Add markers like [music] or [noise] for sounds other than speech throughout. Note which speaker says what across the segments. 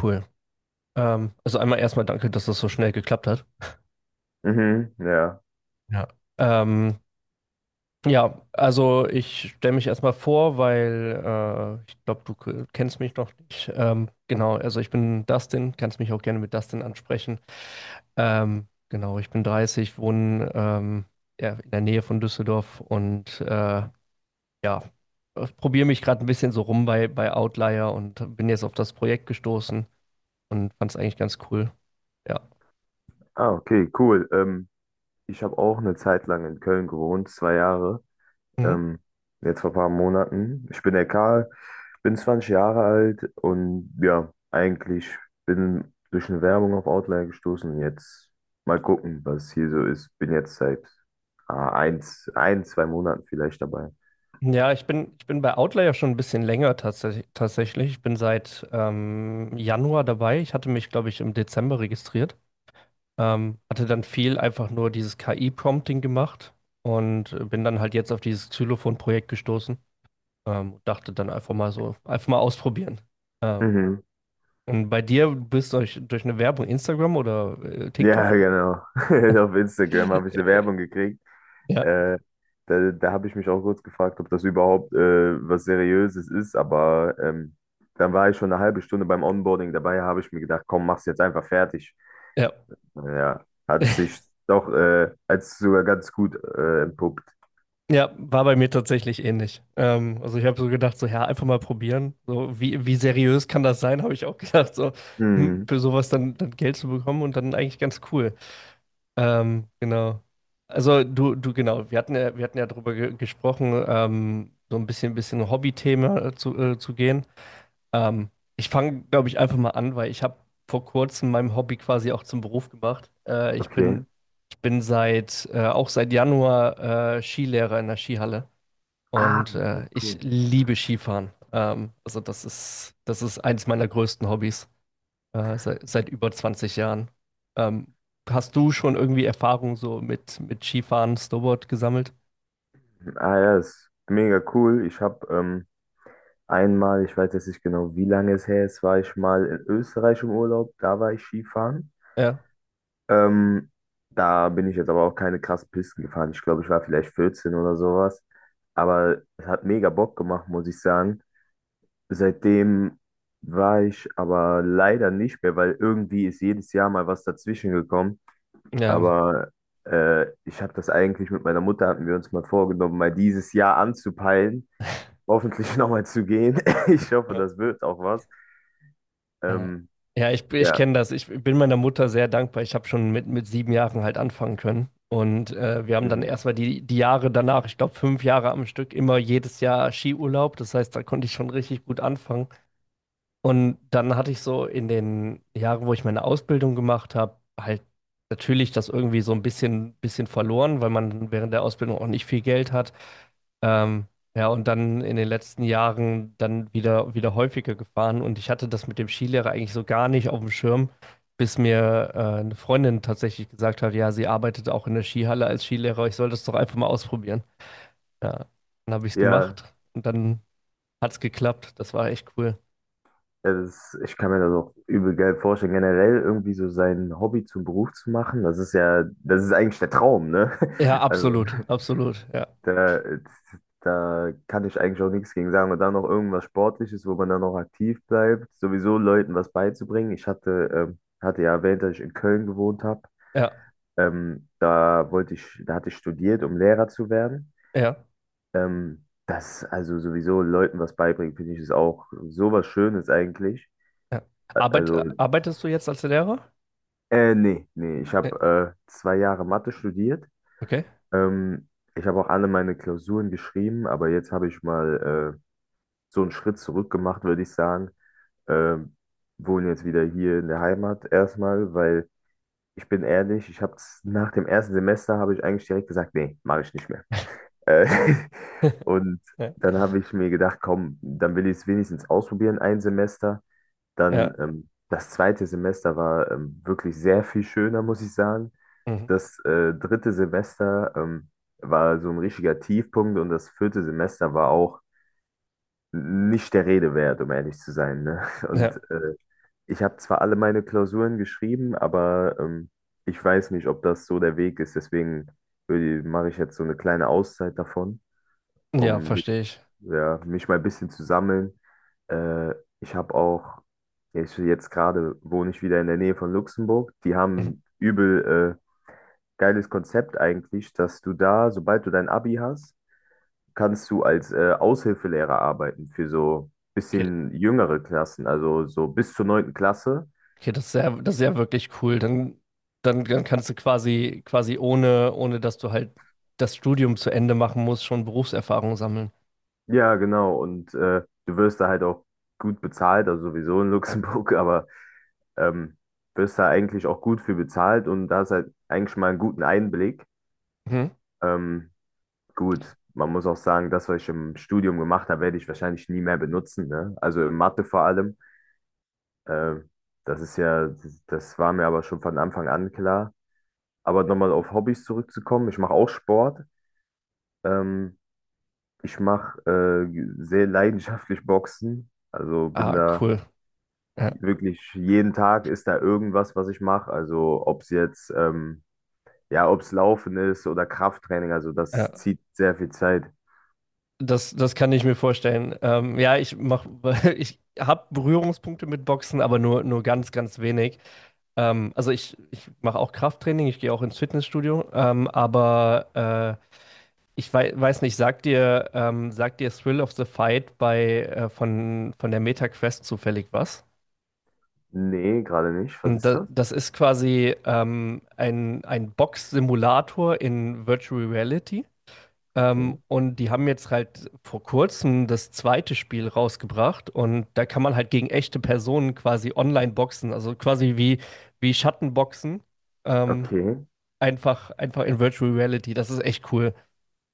Speaker 1: Cool. Also einmal erstmal danke, dass das so schnell geklappt hat.
Speaker 2: Mhm, ja.
Speaker 1: Ja. Ähm, ja, also ich stelle mich erstmal vor, weil ich glaube, du kennst mich noch nicht. Genau, also ich bin Dustin, kannst mich auch gerne mit Dustin ansprechen. Genau, ich bin 30, wohne ja, in der Nähe von Düsseldorf und ja, probiere mich gerade ein bisschen so rum bei Outlier und bin jetzt auf das Projekt gestoßen und fand es eigentlich ganz cool. Ja.
Speaker 2: Ah, okay, cool. Ich habe auch eine Zeit lang in Köln gewohnt, 2 Jahre.
Speaker 1: Mhm.
Speaker 2: Ähm, Jetzt vor ein paar Monaten. Ich bin der Karl, bin 20 Jahre alt und ja, eigentlich bin durch eine Werbung auf Outlier gestoßen. Jetzt mal gucken, was hier so ist. Bin jetzt seit ein, zwei Monaten vielleicht dabei.
Speaker 1: Ja, ich bin bei Outlier ja schon ein bisschen länger tatsächlich. Ich bin seit Januar dabei. Ich hatte mich, glaube ich, im Dezember registriert. Hatte dann viel einfach nur dieses KI-Prompting gemacht und bin dann halt jetzt auf dieses Xylophon-Projekt gestoßen. Dachte dann einfach mal so, einfach mal ausprobieren. Ähm,
Speaker 2: Mhm.
Speaker 1: und bei dir, bist du durch eine Werbung Instagram oder
Speaker 2: Ja,
Speaker 1: TikTok oder so?
Speaker 2: genau. [laughs] Auf Instagram
Speaker 1: [laughs]
Speaker 2: habe ich eine
Speaker 1: Äh,
Speaker 2: Werbung gekriegt.
Speaker 1: ja,
Speaker 2: Äh, da habe ich mich auch kurz gefragt, ob das überhaupt was Seriöses ist, aber dann war ich schon eine halbe Stunde beim Onboarding dabei, habe ich mir gedacht, komm, mach's jetzt einfach fertig.
Speaker 1: ja.
Speaker 2: Ja, hat sich doch als sogar ganz gut entpuppt.
Speaker 1: Ja, war bei mir tatsächlich ähnlich. Also ich habe so gedacht, so ja, einfach mal probieren. So, wie seriös kann das sein, [laughs] habe ich auch gedacht, so
Speaker 2: Hm,
Speaker 1: für sowas dann Geld zu bekommen und dann eigentlich ganz cool. Genau. Also genau, wir hatten ja darüber ge gesprochen, so ein bisschen Hobby-Thema zu gehen. Ähm, Ich fange, glaube ich, einfach mal an, weil ich habe vor kurzem mein Hobby quasi auch zum Beruf gemacht. Ich bin,
Speaker 2: okay.
Speaker 1: ich bin auch seit Januar Skilehrer in der Skihalle.
Speaker 2: Ah,
Speaker 1: Und
Speaker 2: okay,
Speaker 1: ich
Speaker 2: cool.
Speaker 1: liebe Skifahren. Also das ist eines meiner größten Hobbys seit über 20 Jahren. Ähm, Hast du schon irgendwie Erfahrung so mit Skifahren, Snowboard gesammelt?
Speaker 2: Ah ja, ist mega cool. Ich habe einmal, ich weiß jetzt nicht genau, wie lange es her ist, war ich mal in Österreich im Urlaub, da war ich Skifahren.
Speaker 1: Ja,
Speaker 2: Ähm, Da bin ich jetzt aber auch keine krassen Pisten gefahren. Ich glaube, ich war vielleicht 14 oder sowas. Aber es hat mega Bock gemacht, muss ich sagen. Seitdem war ich aber leider nicht mehr, weil irgendwie ist jedes Jahr mal was dazwischen gekommen.
Speaker 1: ja.
Speaker 2: Aber ich habe das eigentlich mit meiner Mutter, hatten wir uns mal vorgenommen, mal dieses Jahr anzupeilen. Hoffentlich [laughs] nochmal zu gehen. [laughs] Ich hoffe, das wird auch was.
Speaker 1: Ja,
Speaker 2: Ähm,
Speaker 1: ja, ich
Speaker 2: ja.
Speaker 1: kenne das. Ich bin meiner Mutter sehr dankbar. Ich habe schon mit 7 Jahren halt anfangen können. Und wir haben dann
Speaker 2: Mhm.
Speaker 1: erstmal die Jahre danach, ich glaube 5 Jahre am Stück, immer jedes Jahr Skiurlaub. Das heißt, da konnte ich schon richtig gut anfangen. Und dann hatte ich so in den Jahren, wo ich meine Ausbildung gemacht habe, halt natürlich das irgendwie so ein bisschen verloren, weil man während der Ausbildung auch nicht viel Geld hat. Ähm, ja, und dann in den letzten Jahren dann wieder häufiger gefahren. Und ich hatte das mit dem Skilehrer eigentlich so gar nicht auf dem Schirm, bis mir eine Freundin tatsächlich gesagt hat, ja, sie arbeitet auch in der Skihalle als Skilehrer. Ich soll das doch einfach mal ausprobieren. Ja, dann habe ich es
Speaker 2: Ja,
Speaker 1: gemacht und dann hat es geklappt. Das war echt cool.
Speaker 2: ja, das ist, ich kann mir das auch übel geil vorstellen. Generell irgendwie so sein Hobby zum Beruf zu machen, das ist ja, das ist eigentlich der Traum, ne?
Speaker 1: Ja,
Speaker 2: [laughs] Also
Speaker 1: absolut, absolut. Ja,
Speaker 2: da, da kann ich eigentlich auch nichts gegen sagen. Und dann noch irgendwas Sportliches, wo man dann noch aktiv bleibt, sowieso Leuten was beizubringen. Ich hatte ja erwähnt, dass ich in Köln gewohnt habe.
Speaker 1: ja,
Speaker 2: Da hatte ich studiert, um Lehrer zu werden.
Speaker 1: ja,
Speaker 2: Das also sowieso Leuten was beibringen, finde ich, ist auch sowas Schönes eigentlich.
Speaker 1: ja.
Speaker 2: Also
Speaker 1: Arbeitest du jetzt als Lehrer?
Speaker 2: Nee, nee, ich
Speaker 1: Äh,
Speaker 2: habe 2 Jahre Mathe studiert.
Speaker 1: Okay.
Speaker 2: Ähm, Ich habe auch alle meine Klausuren geschrieben, aber jetzt habe ich mal so einen Schritt zurück gemacht, würde ich sagen. Ähm, Wohne jetzt wieder hier in der Heimat erstmal, weil ich bin ehrlich, ich habe nach dem ersten Semester habe ich eigentlich direkt gesagt, nee, mache ich nicht mehr. Äh, [laughs]
Speaker 1: [laughs]
Speaker 2: und
Speaker 1: Ja,
Speaker 2: dann habe ich mir gedacht, komm, dann will ich es wenigstens ausprobieren, ein Semester. Dann
Speaker 1: ja,
Speaker 2: das zweite Semester war wirklich sehr viel schöner, muss ich sagen.
Speaker 1: mhm.
Speaker 2: Das dritte Semester war so ein richtiger Tiefpunkt und das vierte Semester war auch nicht der Rede wert, um ehrlich zu sein. Ne? [laughs]
Speaker 1: Ja,
Speaker 2: Und ich habe zwar alle meine Klausuren geschrieben, aber ich weiß nicht, ob das so der Weg ist. Deswegen mache ich jetzt so eine kleine Auszeit davon,
Speaker 1: ja,
Speaker 2: um mich,
Speaker 1: verstehe ich.
Speaker 2: ja, mich mal ein bisschen zu sammeln. Äh, ich habe auch, ja, ich, jetzt gerade wohne ich wieder in der Nähe von Luxemburg. Die
Speaker 1: Mhm.
Speaker 2: haben übel geiles Konzept eigentlich, dass du da, sobald du dein Abi hast, kannst du als Aushilfelehrer arbeiten für so
Speaker 1: Okay,
Speaker 2: bisschen jüngere Klassen, also so bis zur neunten Klasse.
Speaker 1: okay, das ist ja wirklich cool. Dann kannst du quasi ohne dass du halt das Studium zu Ende machen musst, schon Berufserfahrung sammeln.
Speaker 2: Ja, genau. Und du wirst da halt auch gut bezahlt, also sowieso in
Speaker 1: Ja.
Speaker 2: Luxemburg, [laughs] aber ähm, wirst da eigentlich auch gut für bezahlt und da ist halt eigentlich mal einen guten Einblick.
Speaker 1: Mhm.
Speaker 2: Ähm, gut, man muss auch sagen, das, was ich im Studium gemacht habe, werde ich wahrscheinlich nie mehr benutzen, ne? Also in Mathe vor allem. Äh, Das ist ja, das war mir aber schon von Anfang an klar. Aber nochmal auf Hobbys zurückzukommen, ich mache auch Sport. Ähm, Ich mache sehr leidenschaftlich Boxen. Also bin
Speaker 1: Ah,
Speaker 2: da
Speaker 1: cool. Ja,
Speaker 2: wirklich jeden Tag ist da irgendwas, was ich mache. Also ob es jetzt ja, ob es Laufen ist oder Krafttraining, also
Speaker 1: ja.
Speaker 2: das zieht sehr viel Zeit.
Speaker 1: Das kann ich mir vorstellen. Ja, [laughs] ich habe Berührungspunkte mit Boxen, aber nur ganz wenig. Also ich mache auch Krafttraining, ich gehe auch ins Fitnessstudio, aber ich wei weiß nicht, sagt dir Thrill of the Fight bei, von der Meta Quest zufällig was?
Speaker 2: Nee, gerade nicht. Was
Speaker 1: Und
Speaker 2: ist
Speaker 1: da,
Speaker 2: das?
Speaker 1: das ist quasi ein Box-Simulator in Virtual Reality.
Speaker 2: Okay.
Speaker 1: Und die haben jetzt halt vor kurzem das zweite Spiel rausgebracht und da kann man halt gegen echte Personen quasi online boxen, also quasi wie Schattenboxen. Ähm,
Speaker 2: Okay.
Speaker 1: einfach in Virtual Reality. Das ist echt cool.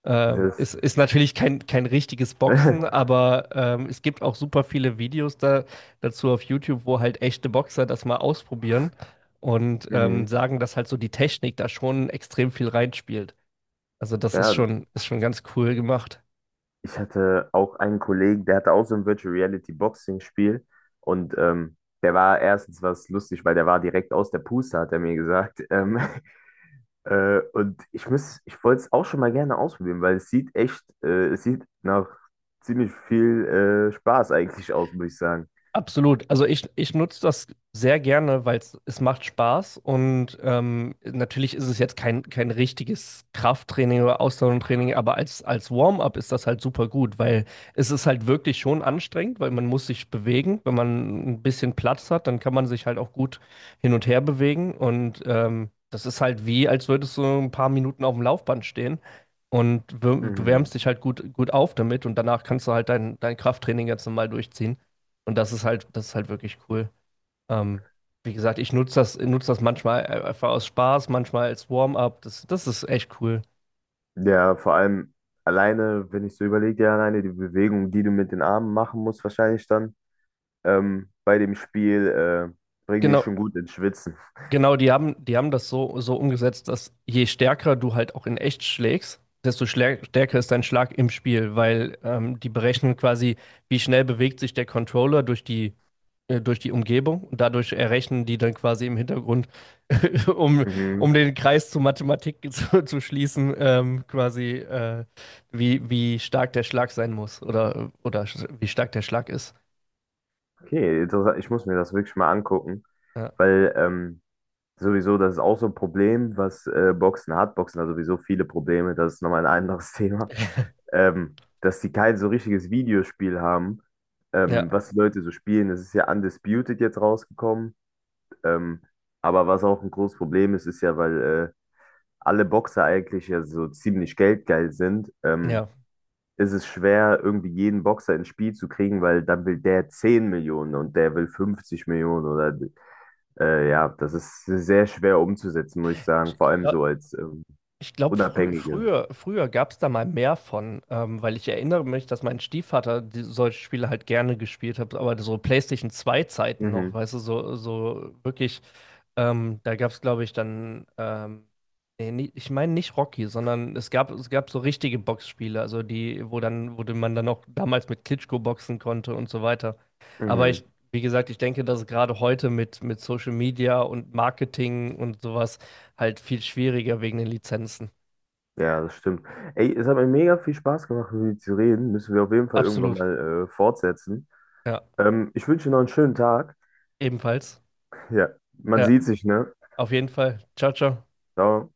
Speaker 1: Es
Speaker 2: Das.
Speaker 1: ist natürlich kein richtiges Boxen,
Speaker 2: [laughs]
Speaker 1: aber es gibt auch super viele Videos dazu auf YouTube, wo halt echte Boxer das mal ausprobieren und
Speaker 2: Mhm.
Speaker 1: sagen, dass halt so die Technik da schon extrem viel reinspielt. Also das ist
Speaker 2: Ja,
Speaker 1: schon, ist schon ganz cool gemacht.
Speaker 2: ich hatte auch einen Kollegen, der hatte auch so ein Virtual Reality Boxing Spiel und der war erstens was lustig, weil der war direkt aus der Puste, hat er mir gesagt. [laughs] Ich wollte es auch schon mal gerne ausprobieren, weil es sieht nach ziemlich viel Spaß eigentlich aus, muss ich sagen.
Speaker 1: Absolut. Also ich nutze das sehr gerne, weil es macht Spaß und natürlich ist es jetzt kein richtiges Krafttraining oder Ausdauertraining, aber als Warm-up ist das halt super gut, weil es ist halt wirklich schon anstrengend, weil man muss sich bewegen. Wenn man ein bisschen Platz hat, dann kann man sich halt auch gut hin und her bewegen und das ist halt wie, als würdest du ein paar Minuten auf dem Laufband stehen. Und du
Speaker 2: Mhm.
Speaker 1: wärmst dich halt gut auf damit und danach kannst du halt dein Krafttraining ganz normal durchziehen. Und das ist halt wirklich cool. Ähm, Wie gesagt, ich nutze das manchmal einfach aus Spaß, manchmal als Warm-up. Das ist echt cool.
Speaker 2: Ja, vor allem alleine, wenn ich so überlege, ja, alleine die Bewegung, die du mit den Armen machen musst, wahrscheinlich dann bei dem Spiel, bringen dich schon
Speaker 1: Genau,
Speaker 2: gut ins Schwitzen.
Speaker 1: genau, die haben das so umgesetzt, dass je stärker du halt auch in echt schlägst, desto stärker ist dein Schlag im Spiel, weil die berechnen quasi, wie schnell bewegt sich der Controller durch die Umgebung und dadurch errechnen die dann quasi im Hintergrund, [laughs] um, um
Speaker 2: Mhm.
Speaker 1: den Kreis zur Mathematik [laughs] zu schließen, quasi wie stark der Schlag sein muss oder, wie stark der Schlag ist.
Speaker 2: Okay, interessant. Ich muss mir das wirklich mal angucken,
Speaker 1: Ja,
Speaker 2: weil sowieso, das ist auch so ein Problem, was Boxen hat. Boxen hat sowieso viele Probleme, das ist nochmal ein anderes [laughs] Thema,
Speaker 1: [laughs]
Speaker 2: ähm, dass sie kein so richtiges Videospiel haben,
Speaker 1: ja,
Speaker 2: was die Leute so spielen. Das ist ja Undisputed jetzt rausgekommen. Ähm, aber was auch ein großes Problem ist, ist ja, weil äh, alle Boxer eigentlich ja so ziemlich geldgeil sind,
Speaker 1: ja.
Speaker 2: ist es schwer, irgendwie jeden Boxer ins Spiel zu kriegen, weil dann will der 10 Millionen und der will 50 Millionen oder ja, das ist sehr schwer umzusetzen, muss ich sagen, vor
Speaker 1: Ich,
Speaker 2: allem so
Speaker 1: glaub-
Speaker 2: als
Speaker 1: Ich glaube,
Speaker 2: Unabhängige.
Speaker 1: früher gab es da mal mehr von, weil ich erinnere mich, dass mein Stiefvater solche Spiele halt gerne gespielt hat, aber so PlayStation 2 Zeiten noch,
Speaker 2: Mhm,
Speaker 1: weißt du, so wirklich da gab es, glaube ich, dann, nee, ich meine nicht Rocky, sondern es gab so richtige Boxspiele, also die, wo dann, wo man dann auch damals mit Klitschko boxen konnte und so weiter. Aber
Speaker 2: mhm.
Speaker 1: ich, wie gesagt, ich denke, dass es gerade heute mit Social Media und Marketing und sowas halt viel schwieriger wegen den Lizenzen.
Speaker 2: Ja, das stimmt. Ey, es hat mir mega viel Spaß gemacht, mit dir zu reden. Müssen wir auf jeden Fall irgendwann
Speaker 1: Absolut,
Speaker 2: mal fortsetzen.
Speaker 1: ja.
Speaker 2: Ich wünsche dir noch einen schönen Tag.
Speaker 1: Ebenfalls.
Speaker 2: Ja, man
Speaker 1: Ja,
Speaker 2: sieht sich, ne?
Speaker 1: auf jeden Fall. Ciao, ciao.
Speaker 2: ciao